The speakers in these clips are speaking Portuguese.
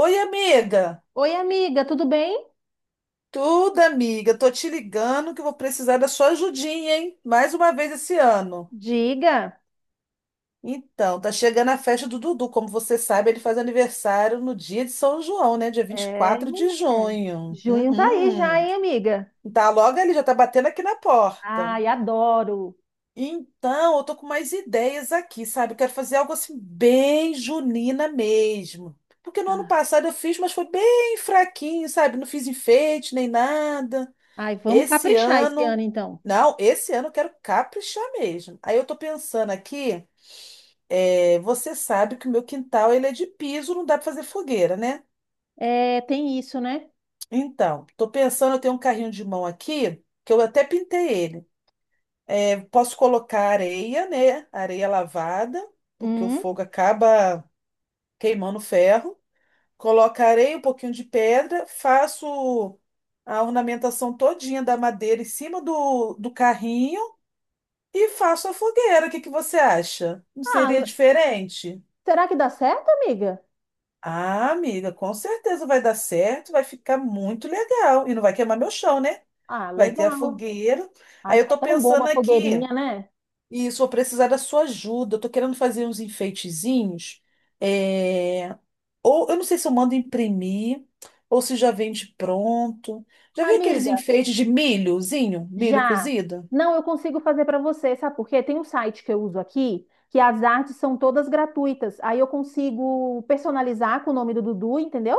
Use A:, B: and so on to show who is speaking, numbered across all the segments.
A: Oi, amiga.
B: Oi, amiga, tudo bem?
A: Tudo, amiga. Tô te ligando que eu vou precisar da sua ajudinha, hein? Mais uma vez esse ano.
B: Diga.
A: Então, tá chegando a festa do Dudu. Como você sabe, ele faz aniversário no dia de São João, né? Dia vinte e
B: É, é.
A: quatro de junho.
B: Junho tá aí já,
A: Uhum.
B: hein, amiga?
A: Tá logo ali, já tá batendo aqui na porta.
B: Ai, adoro.
A: Então, eu tô com mais ideias aqui, sabe? Eu quero fazer algo assim bem junina mesmo. Porque no ano
B: Ah,
A: passado eu fiz, mas foi bem fraquinho, sabe? Não fiz enfeite nem nada.
B: Ai, vamos
A: Esse
B: caprichar esse
A: ano.
B: ano, então.
A: Não, esse ano eu quero caprichar mesmo. Aí eu tô pensando aqui, você sabe que o meu quintal ele é de piso, não dá pra fazer fogueira, né?
B: É, tem isso, né?
A: Então, tô pensando, eu tenho um carrinho de mão aqui, que eu até pintei ele. É, posso colocar areia, né? Areia lavada, porque o
B: Hum.
A: fogo acaba queimando o ferro. Coloco areia, um pouquinho de pedra, faço a ornamentação todinha da madeira em cima do carrinho. E faço a fogueira, o que que você acha? Não
B: Ah,
A: seria
B: le-
A: diferente?
B: Será que dá certo, amiga?
A: Ah, amiga, com certeza vai dar certo, vai ficar muito legal. E não vai queimar meu chão, né?
B: Ah,
A: Vai ter a
B: legal.
A: fogueira.
B: Ai,
A: Aí eu
B: fica
A: tô
B: tão bom
A: pensando
B: uma
A: aqui,
B: fogueirinha, né?
A: e isso vou precisar da sua ajuda. Eu tô querendo fazer uns enfeitezinhos. é, Ou eu não sei se eu mando imprimir, ou se já vende pronto. Já vi aqueles
B: Amiga,
A: enfeites de milhozinho, milho
B: já.
A: cozido?
B: Não, eu consigo fazer para você, sabe por quê? Tem um site que eu uso aqui, que as artes são todas gratuitas. Aí eu consigo personalizar com o nome do Dudu, entendeu?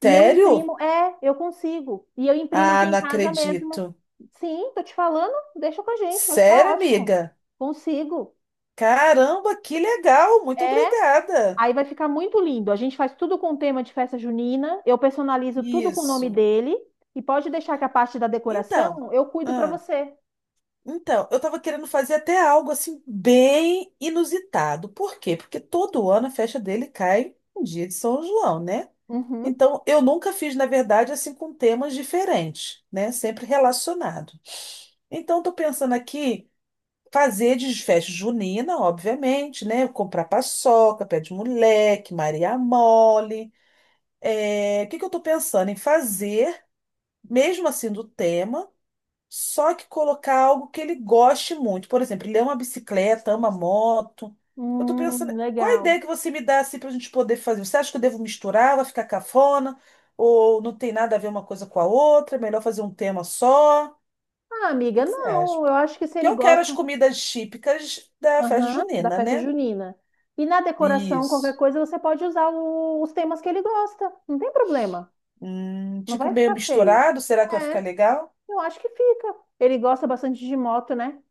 B: E eu
A: Sério?
B: imprimo, eu consigo. E eu imprimo
A: Ah,
B: aqui em
A: não
B: casa mesmo.
A: acredito.
B: Sim, tô te falando, deixa com a gente, vai ficar
A: Sério,
B: ótimo.
A: amiga?
B: Consigo.
A: Caramba, que legal! Muito
B: É,
A: obrigada.
B: aí vai ficar muito lindo. A gente faz tudo com tema de festa junina, eu personalizo tudo com o nome
A: Isso.
B: dele e pode deixar que a parte da
A: Então,
B: decoração eu cuido pra
A: ah,
B: você.
A: então, eu tava querendo fazer até algo assim bem inusitado. Por quê? Porque todo ano a festa dele cai um dia de São João, né?
B: Uhum.
A: Então, eu nunca fiz, na verdade, assim com temas diferentes, né? Sempre relacionado. Então, tô pensando aqui fazer de festa junina, obviamente, né? Comprar paçoca, pé de moleque, Maria mole. É, o que que eu estou pensando em fazer? Mesmo assim do tema, só que colocar algo que ele goste muito. Por exemplo, ele ama bicicleta, ama moto. Eu tô pensando, qual a
B: Legal.
A: ideia que você me dá assim para a gente poder fazer? Você acha que eu devo misturar, vai ficar cafona? Ou não tem nada a ver uma coisa com a outra? É melhor fazer um tema só? O
B: Ah, amiga,
A: que que você acha?
B: não, eu acho que se
A: Porque
B: ele
A: eu quero as
B: gosta,
A: comidas típicas da festa
B: aham, da
A: junina,
B: festa
A: né?
B: junina. E na decoração, qualquer
A: Isso.
B: coisa, você pode usar os temas que ele gosta. Não tem problema. Não
A: Tipo
B: vai
A: meio
B: ficar feio.
A: misturado, será que vai ficar
B: É,
A: legal?
B: eu acho que fica. Ele gosta bastante de moto, né?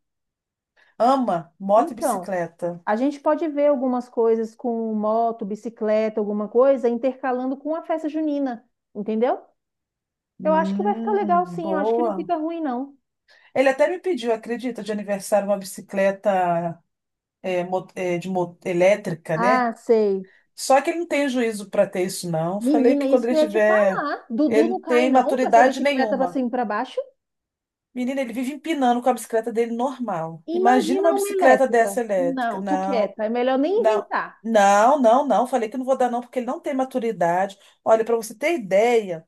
A: Ama moto e
B: Então,
A: bicicleta.
B: a gente pode ver algumas coisas com moto, bicicleta, alguma coisa, intercalando com a festa junina, entendeu? Eu acho que vai ficar legal, sim. Eu acho que não
A: Boa.
B: fica ruim, não.
A: Ele até me pediu, acredita, de aniversário uma bicicleta elétrica, né?
B: Ah, sei.
A: Só que ele não tem juízo para ter isso, não. Falei
B: Menina,
A: que quando
B: isso que
A: ele
B: eu ia te
A: tiver.
B: falar. Dudu
A: Ele
B: não
A: não
B: cai,
A: tem
B: não, com essa
A: maturidade
B: bicicleta pra
A: nenhuma.
B: cima e pra baixo.
A: Menina, ele vive empinando com a bicicleta dele normal. Imagina
B: Imagina
A: uma
B: uma
A: bicicleta dessa
B: elétrica.
A: elétrica.
B: Não, tu
A: Não,
B: quieta. É melhor nem
A: não,
B: inventar.
A: não, não, não. Falei que não vou dar, não, porque ele não tem maturidade. Olha, para você ter ideia,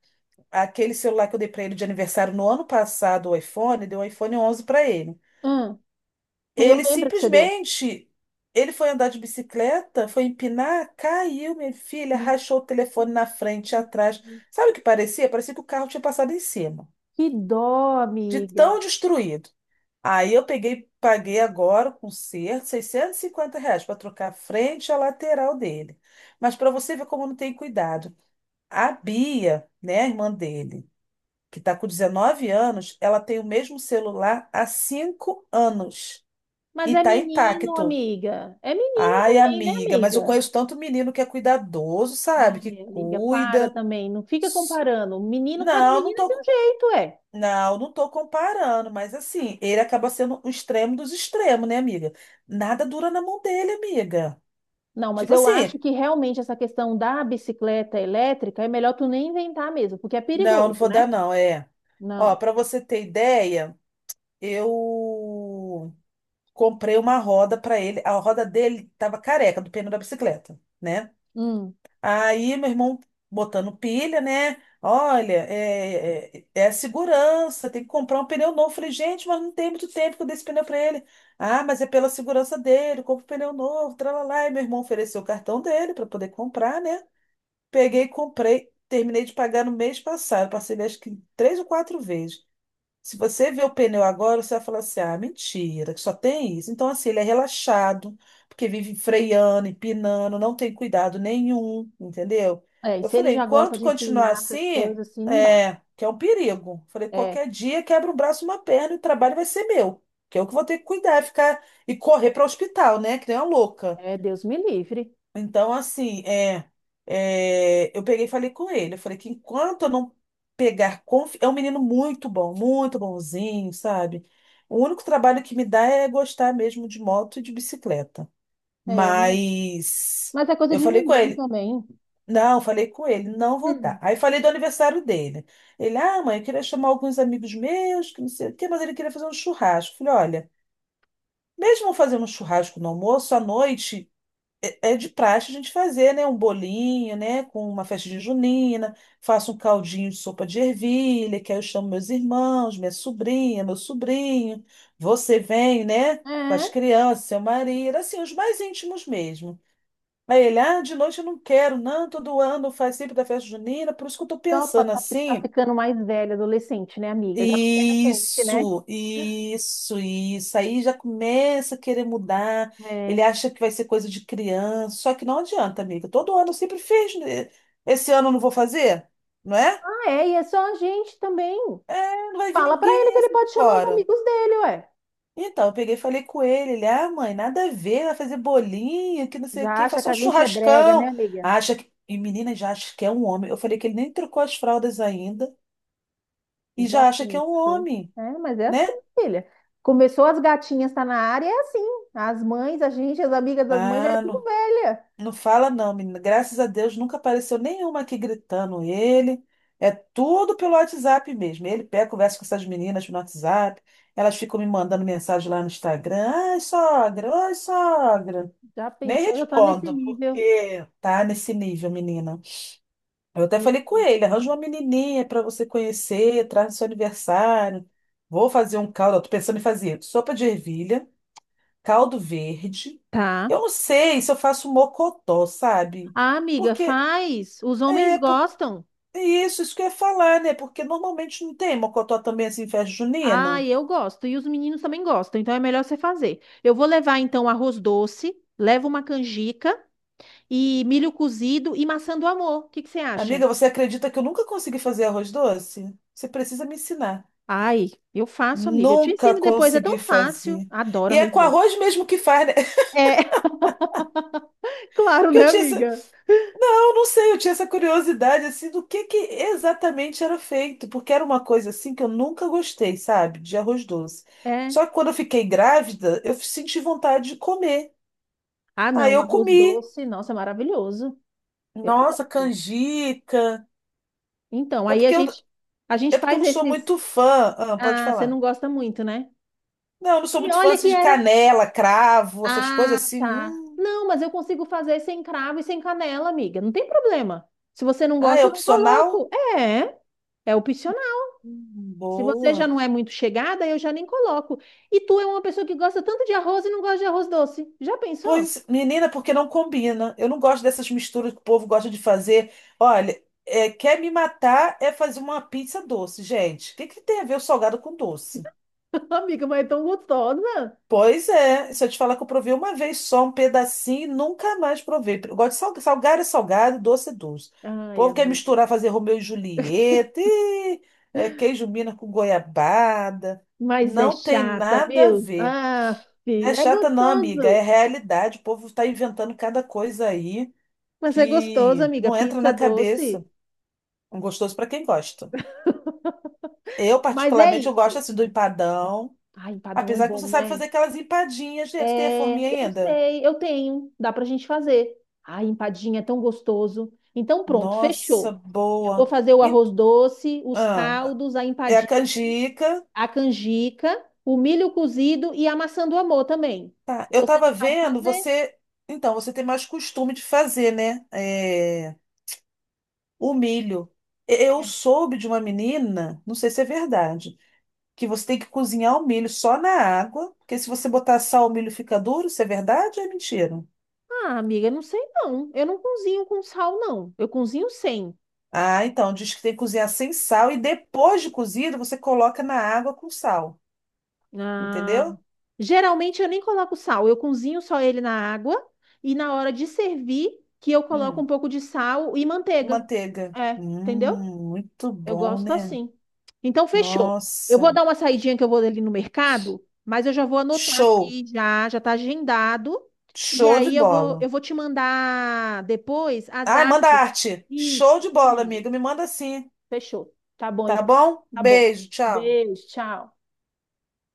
A: aquele celular que eu dei para ele de aniversário no ano passado, o iPhone, deu um iPhone 11 para ele.
B: Hum, eu
A: Ele
B: lembro que você deu.
A: simplesmente, ele foi andar de bicicleta, foi empinar, caiu, minha filha,
B: Hum.
A: rachou o telefone na frente e atrás. Sabe o que parecia? Parecia que o carro tinha passado em cima,
B: Que dó,
A: de
B: amiga.
A: tão destruído. Aí eu peguei, paguei agora com conserto, R$ 650 para trocar a frente e a lateral dele. Mas para você ver como não tem cuidado. A Bia, né, a irmã dele, que está com 19 anos, ela tem o mesmo celular há 5 anos
B: Mas
A: e
B: é
A: está
B: menino,
A: intacto.
B: amiga. É menino
A: Ai,
B: também, né,
A: amiga, mas eu
B: amiga?
A: conheço tanto menino que é cuidadoso, sabe? Que
B: Ai, amiga, para
A: cuida.
B: também. Não fica
A: S-
B: comparando. Menino, cada
A: Não, não
B: menina tem um
A: tô,
B: jeito, é.
A: não, não tô comparando, mas assim, ele acaba sendo o extremo dos extremos, né, amiga? Nada dura na mão dele, amiga.
B: Não, mas
A: Tipo
B: eu
A: assim,
B: acho que realmente essa questão da bicicleta elétrica é melhor tu nem inventar mesmo, porque é
A: não, não
B: perigoso,
A: vou dar,
B: né?
A: não, é. Ó,
B: Não.
A: pra você ter ideia, eu comprei uma roda pra ele. A roda dele tava careca do pneu da bicicleta, né?
B: Hum.
A: Aí meu irmão botando pilha, né? Olha, é a segurança, tem que comprar um pneu novo. Falei, gente, mas não tem muito tempo que eu dei esse pneu para ele. Ah, mas é pela segurança dele, compra um pneu novo, tralalá. E meu irmão ofereceu o cartão dele para poder comprar, né? Peguei e comprei, terminei de pagar no mês passado, parcelei acho que 3 ou 4 vezes. Se você vê o pneu agora, você vai falar assim: ah, mentira, que só tem isso. Então, assim, ele é relaxado, porque vive freando, empinando, não tem cuidado nenhum, entendeu?
B: É, e
A: Eu
B: se ele
A: falei:
B: já gosta
A: enquanto
B: de
A: continuar
B: empinar essas
A: assim,
B: coisas assim, não dá.
A: que é um perigo. Falei:
B: É,
A: qualquer dia quebra um braço, uma perna e o trabalho vai ser meu, que eu que vou ter que cuidar, ficar e correr para o hospital, né? Que nem uma louca.
B: Deus me livre.
A: Então, assim, eu peguei e falei com ele. Eu falei que enquanto eu não pegar confi... É um menino muito bom, muito bonzinho, sabe? O único trabalho que me dá é gostar mesmo de moto e de bicicleta.
B: É, mas,
A: Mas
B: mas é coisa
A: eu
B: de
A: falei com
B: menino
A: ele.
B: também.
A: Não, falei com ele, não vou dar.
B: Hum.
A: Aí falei do aniversário dele. Ele, ah, mãe, eu queria chamar alguns amigos meus, que não sei o quê, mas ele queria fazer um churrasco. Eu falei, olha, mesmo fazendo um churrasco no almoço, à noite. É de praxe a gente fazer, né, um bolinho, né, com uma festinha junina, faço um caldinho de sopa de ervilha, que aí eu chamo meus irmãos, minha sobrinha, meu sobrinho, você vem, né, com as
B: É,
A: crianças, seu marido, assim, os mais íntimos mesmo. Aí ele, ah, de noite eu não quero, não, todo ano faz sempre da festa junina, por isso que eu tô
B: só pra
A: pensando
B: tá
A: assim,
B: ficando mais velha, adolescente, né, amiga? Já não quer a gente, né?
A: isso, isso, isso. Aí já começa a querer mudar. Ele
B: É.
A: acha que vai ser coisa de criança. Só que não adianta, amiga. Todo ano eu sempre fiz, né? Esse ano eu não vou fazer, não é?
B: Ah, é, e é só a gente também.
A: Não vai vir
B: Fala pra ele
A: ninguém
B: que ele
A: assim de
B: pode chamar os
A: fora.
B: amigos dele, ué.
A: Então, eu peguei e falei com ele. Ele, ah, mãe, nada a ver, vai fazer bolinho, que não sei o
B: Já
A: quê,
B: acha
A: faz
B: que
A: só
B: a gente é brega, né,
A: churrascão.
B: amiga?
A: Acha que. E menina já acha que é um homem. Eu falei que ele nem trocou as fraldas ainda e
B: Já
A: já acha que é um
B: pensou.
A: homem,
B: É, mas é assim,
A: né?
B: filha. Começou as gatinhas tá na área, é assim. As mães, a gente, as amigas das mães, já é
A: Ah,
B: tudo
A: não
B: velha.
A: Não fala não, menina. Graças a Deus nunca apareceu nenhuma aqui gritando ele. É tudo pelo WhatsApp mesmo. Ele pega, conversa com essas meninas no WhatsApp. Elas ficam me mandando mensagem lá no Instagram. Ai, sogra, oi, sogra.
B: Já
A: Nem
B: pensou, já tá nesse
A: respondo,
B: nível.
A: porque tá nesse nível, menina. Eu até
B: É.
A: falei com ele, arranja uma menininha para você conhecer, traz no seu aniversário. Vou fazer um caldo, ó, tô pensando em fazer sopa de ervilha, caldo verde.
B: Tá.
A: Eu não sei se eu faço mocotó, sabe?
B: Ah, amiga,
A: Porque
B: faz. Os homens
A: é, por,
B: gostam.
A: é isso, isso que eu ia falar, né? Porque normalmente não tem mocotó também assim em festa
B: Ah,
A: junina.
B: eu gosto. E os meninos também gostam. Então é melhor você fazer. Eu vou levar, então, arroz doce, levo uma canjica e milho cozido e maçã do amor. O que que você
A: Amiga,
B: acha?
A: você acredita que eu nunca consegui fazer arroz doce? Você precisa me ensinar.
B: Ai, eu faço, amiga. Eu te
A: Nunca
B: ensino depois, é tão
A: consegui
B: fácil.
A: fazer.
B: Adoro
A: E é
B: arroz
A: com
B: doce.
A: arroz mesmo que faz, né?
B: É, claro,
A: Que eu
B: né,
A: tinha.
B: amiga?
A: Eu não sei, eu tinha essa curiosidade assim do que exatamente era feito, porque era uma coisa assim que eu nunca gostei, sabe, de arroz doce.
B: É.
A: Só que quando eu fiquei grávida, eu senti vontade de comer.
B: Ah,
A: Aí
B: não,
A: eu
B: arroz
A: comi.
B: doce, nossa, é maravilhoso. Eu
A: Nossa,
B: gosto.
A: canjica.
B: Então,
A: É
B: aí a
A: porque eu,
B: gente a
A: é
B: gente
A: porque eu
B: faz
A: não sou
B: esses.
A: muito fã. Ah, pode
B: Ah, você
A: falar.
B: não gosta muito, né?
A: Não, eu não sou
B: E
A: muito fã
B: olha
A: assim,
B: que
A: de
B: era.
A: canela, cravo, essas coisas
B: Ah,
A: assim.
B: tá.
A: Hum.
B: Não, mas eu consigo fazer sem cravo e sem canela, amiga. Não tem problema. Se você não
A: Ah,
B: gosta,
A: é
B: eu não
A: opcional?
B: coloco. É, é Se você já
A: Boa.
B: não é muito chegada, eu já nem coloco. E tu é uma pessoa que gosta tanto de arroz e não gosta de arroz doce. Já pensou?
A: Pois, menina, porque não combina. Eu não gosto dessas misturas que o povo gosta de fazer. Olha, quer me matar é fazer uma pizza doce, gente. O que que tem a ver o salgado com doce?
B: Amiga, mas é tão gostosa.
A: Pois é, se eu te falar que eu provei uma vez só um pedacinho, e nunca mais provei. Eu gosto de salgado, é salgado, doce é doce. O
B: Ai,
A: povo quer
B: amiga.
A: misturar, fazer Romeu e Julieta, e, queijo mina com goiabada.
B: Mas é
A: Não tem
B: chata,
A: nada a
B: viu?
A: ver.
B: Ah,
A: Não é
B: é
A: chata, não, amiga. É
B: gostoso.
A: realidade. O povo está inventando cada coisa aí,
B: Mas é gostoso,
A: que
B: amiga,
A: não entra
B: pizza
A: na cabeça.
B: doce.
A: Um gostoso para quem gosta. Eu,
B: Mas é
A: particularmente, eu gosto
B: isso.
A: assim do empadão,
B: Ai, empadão é
A: apesar que você
B: bom,
A: sabe
B: né?
A: fazer aquelas empadinhas, né? Tu tem a
B: É,
A: forminha
B: eu
A: ainda?
B: sei, eu tenho. Dá pra gente fazer. Ai, empadinha é tão gostoso. Então, pronto,
A: Nossa,
B: fechou. Eu vou
A: boa.
B: fazer o arroz doce, os
A: Ah,
B: caldos, a
A: É a
B: empadinha,
A: canjica.
B: a canjica, o milho cozido e a maçã do amor também.
A: Tá. Eu
B: Você não
A: tava
B: sabe
A: vendo,
B: fazer?
A: você. Então, você tem mais costume de fazer, né? É, o milho. Eu
B: É.
A: soube de uma menina, não sei se é verdade que você tem que cozinhar o milho só na água, porque se você botar sal, o milho fica duro. Isso é verdade ou é mentira?
B: Ah, amiga, não sei não. Eu não cozinho com sal, não. Eu cozinho sem.
A: Ah, então, diz que tem que cozinhar sem sal e depois de cozido você coloca na água com sal,
B: Ah,
A: entendeu?
B: geralmente eu nem coloco sal, eu cozinho só ele na água e na hora de servir que eu coloco
A: Hum.
B: um pouco de sal e manteiga.
A: Manteiga.
B: É, entendeu?
A: Muito
B: Eu
A: bom,
B: gosto
A: né?
B: assim. Então, fechou. Eu vou
A: Nossa,
B: dar uma saidinha que eu vou ali no mercado, mas eu já vou anotar
A: show,
B: aqui já, já tá agendado. E
A: show de
B: aí
A: bola.
B: eu vou te mandar depois as
A: Ai, manda
B: artes.
A: arte.
B: Isso,
A: Show de
B: te
A: bola,
B: mando.
A: amiga. Me manda sim,
B: Fechou. Tá bom,
A: tá
B: então.
A: bom?
B: Tá bom.
A: Beijo, tchau.
B: Beijo, tchau.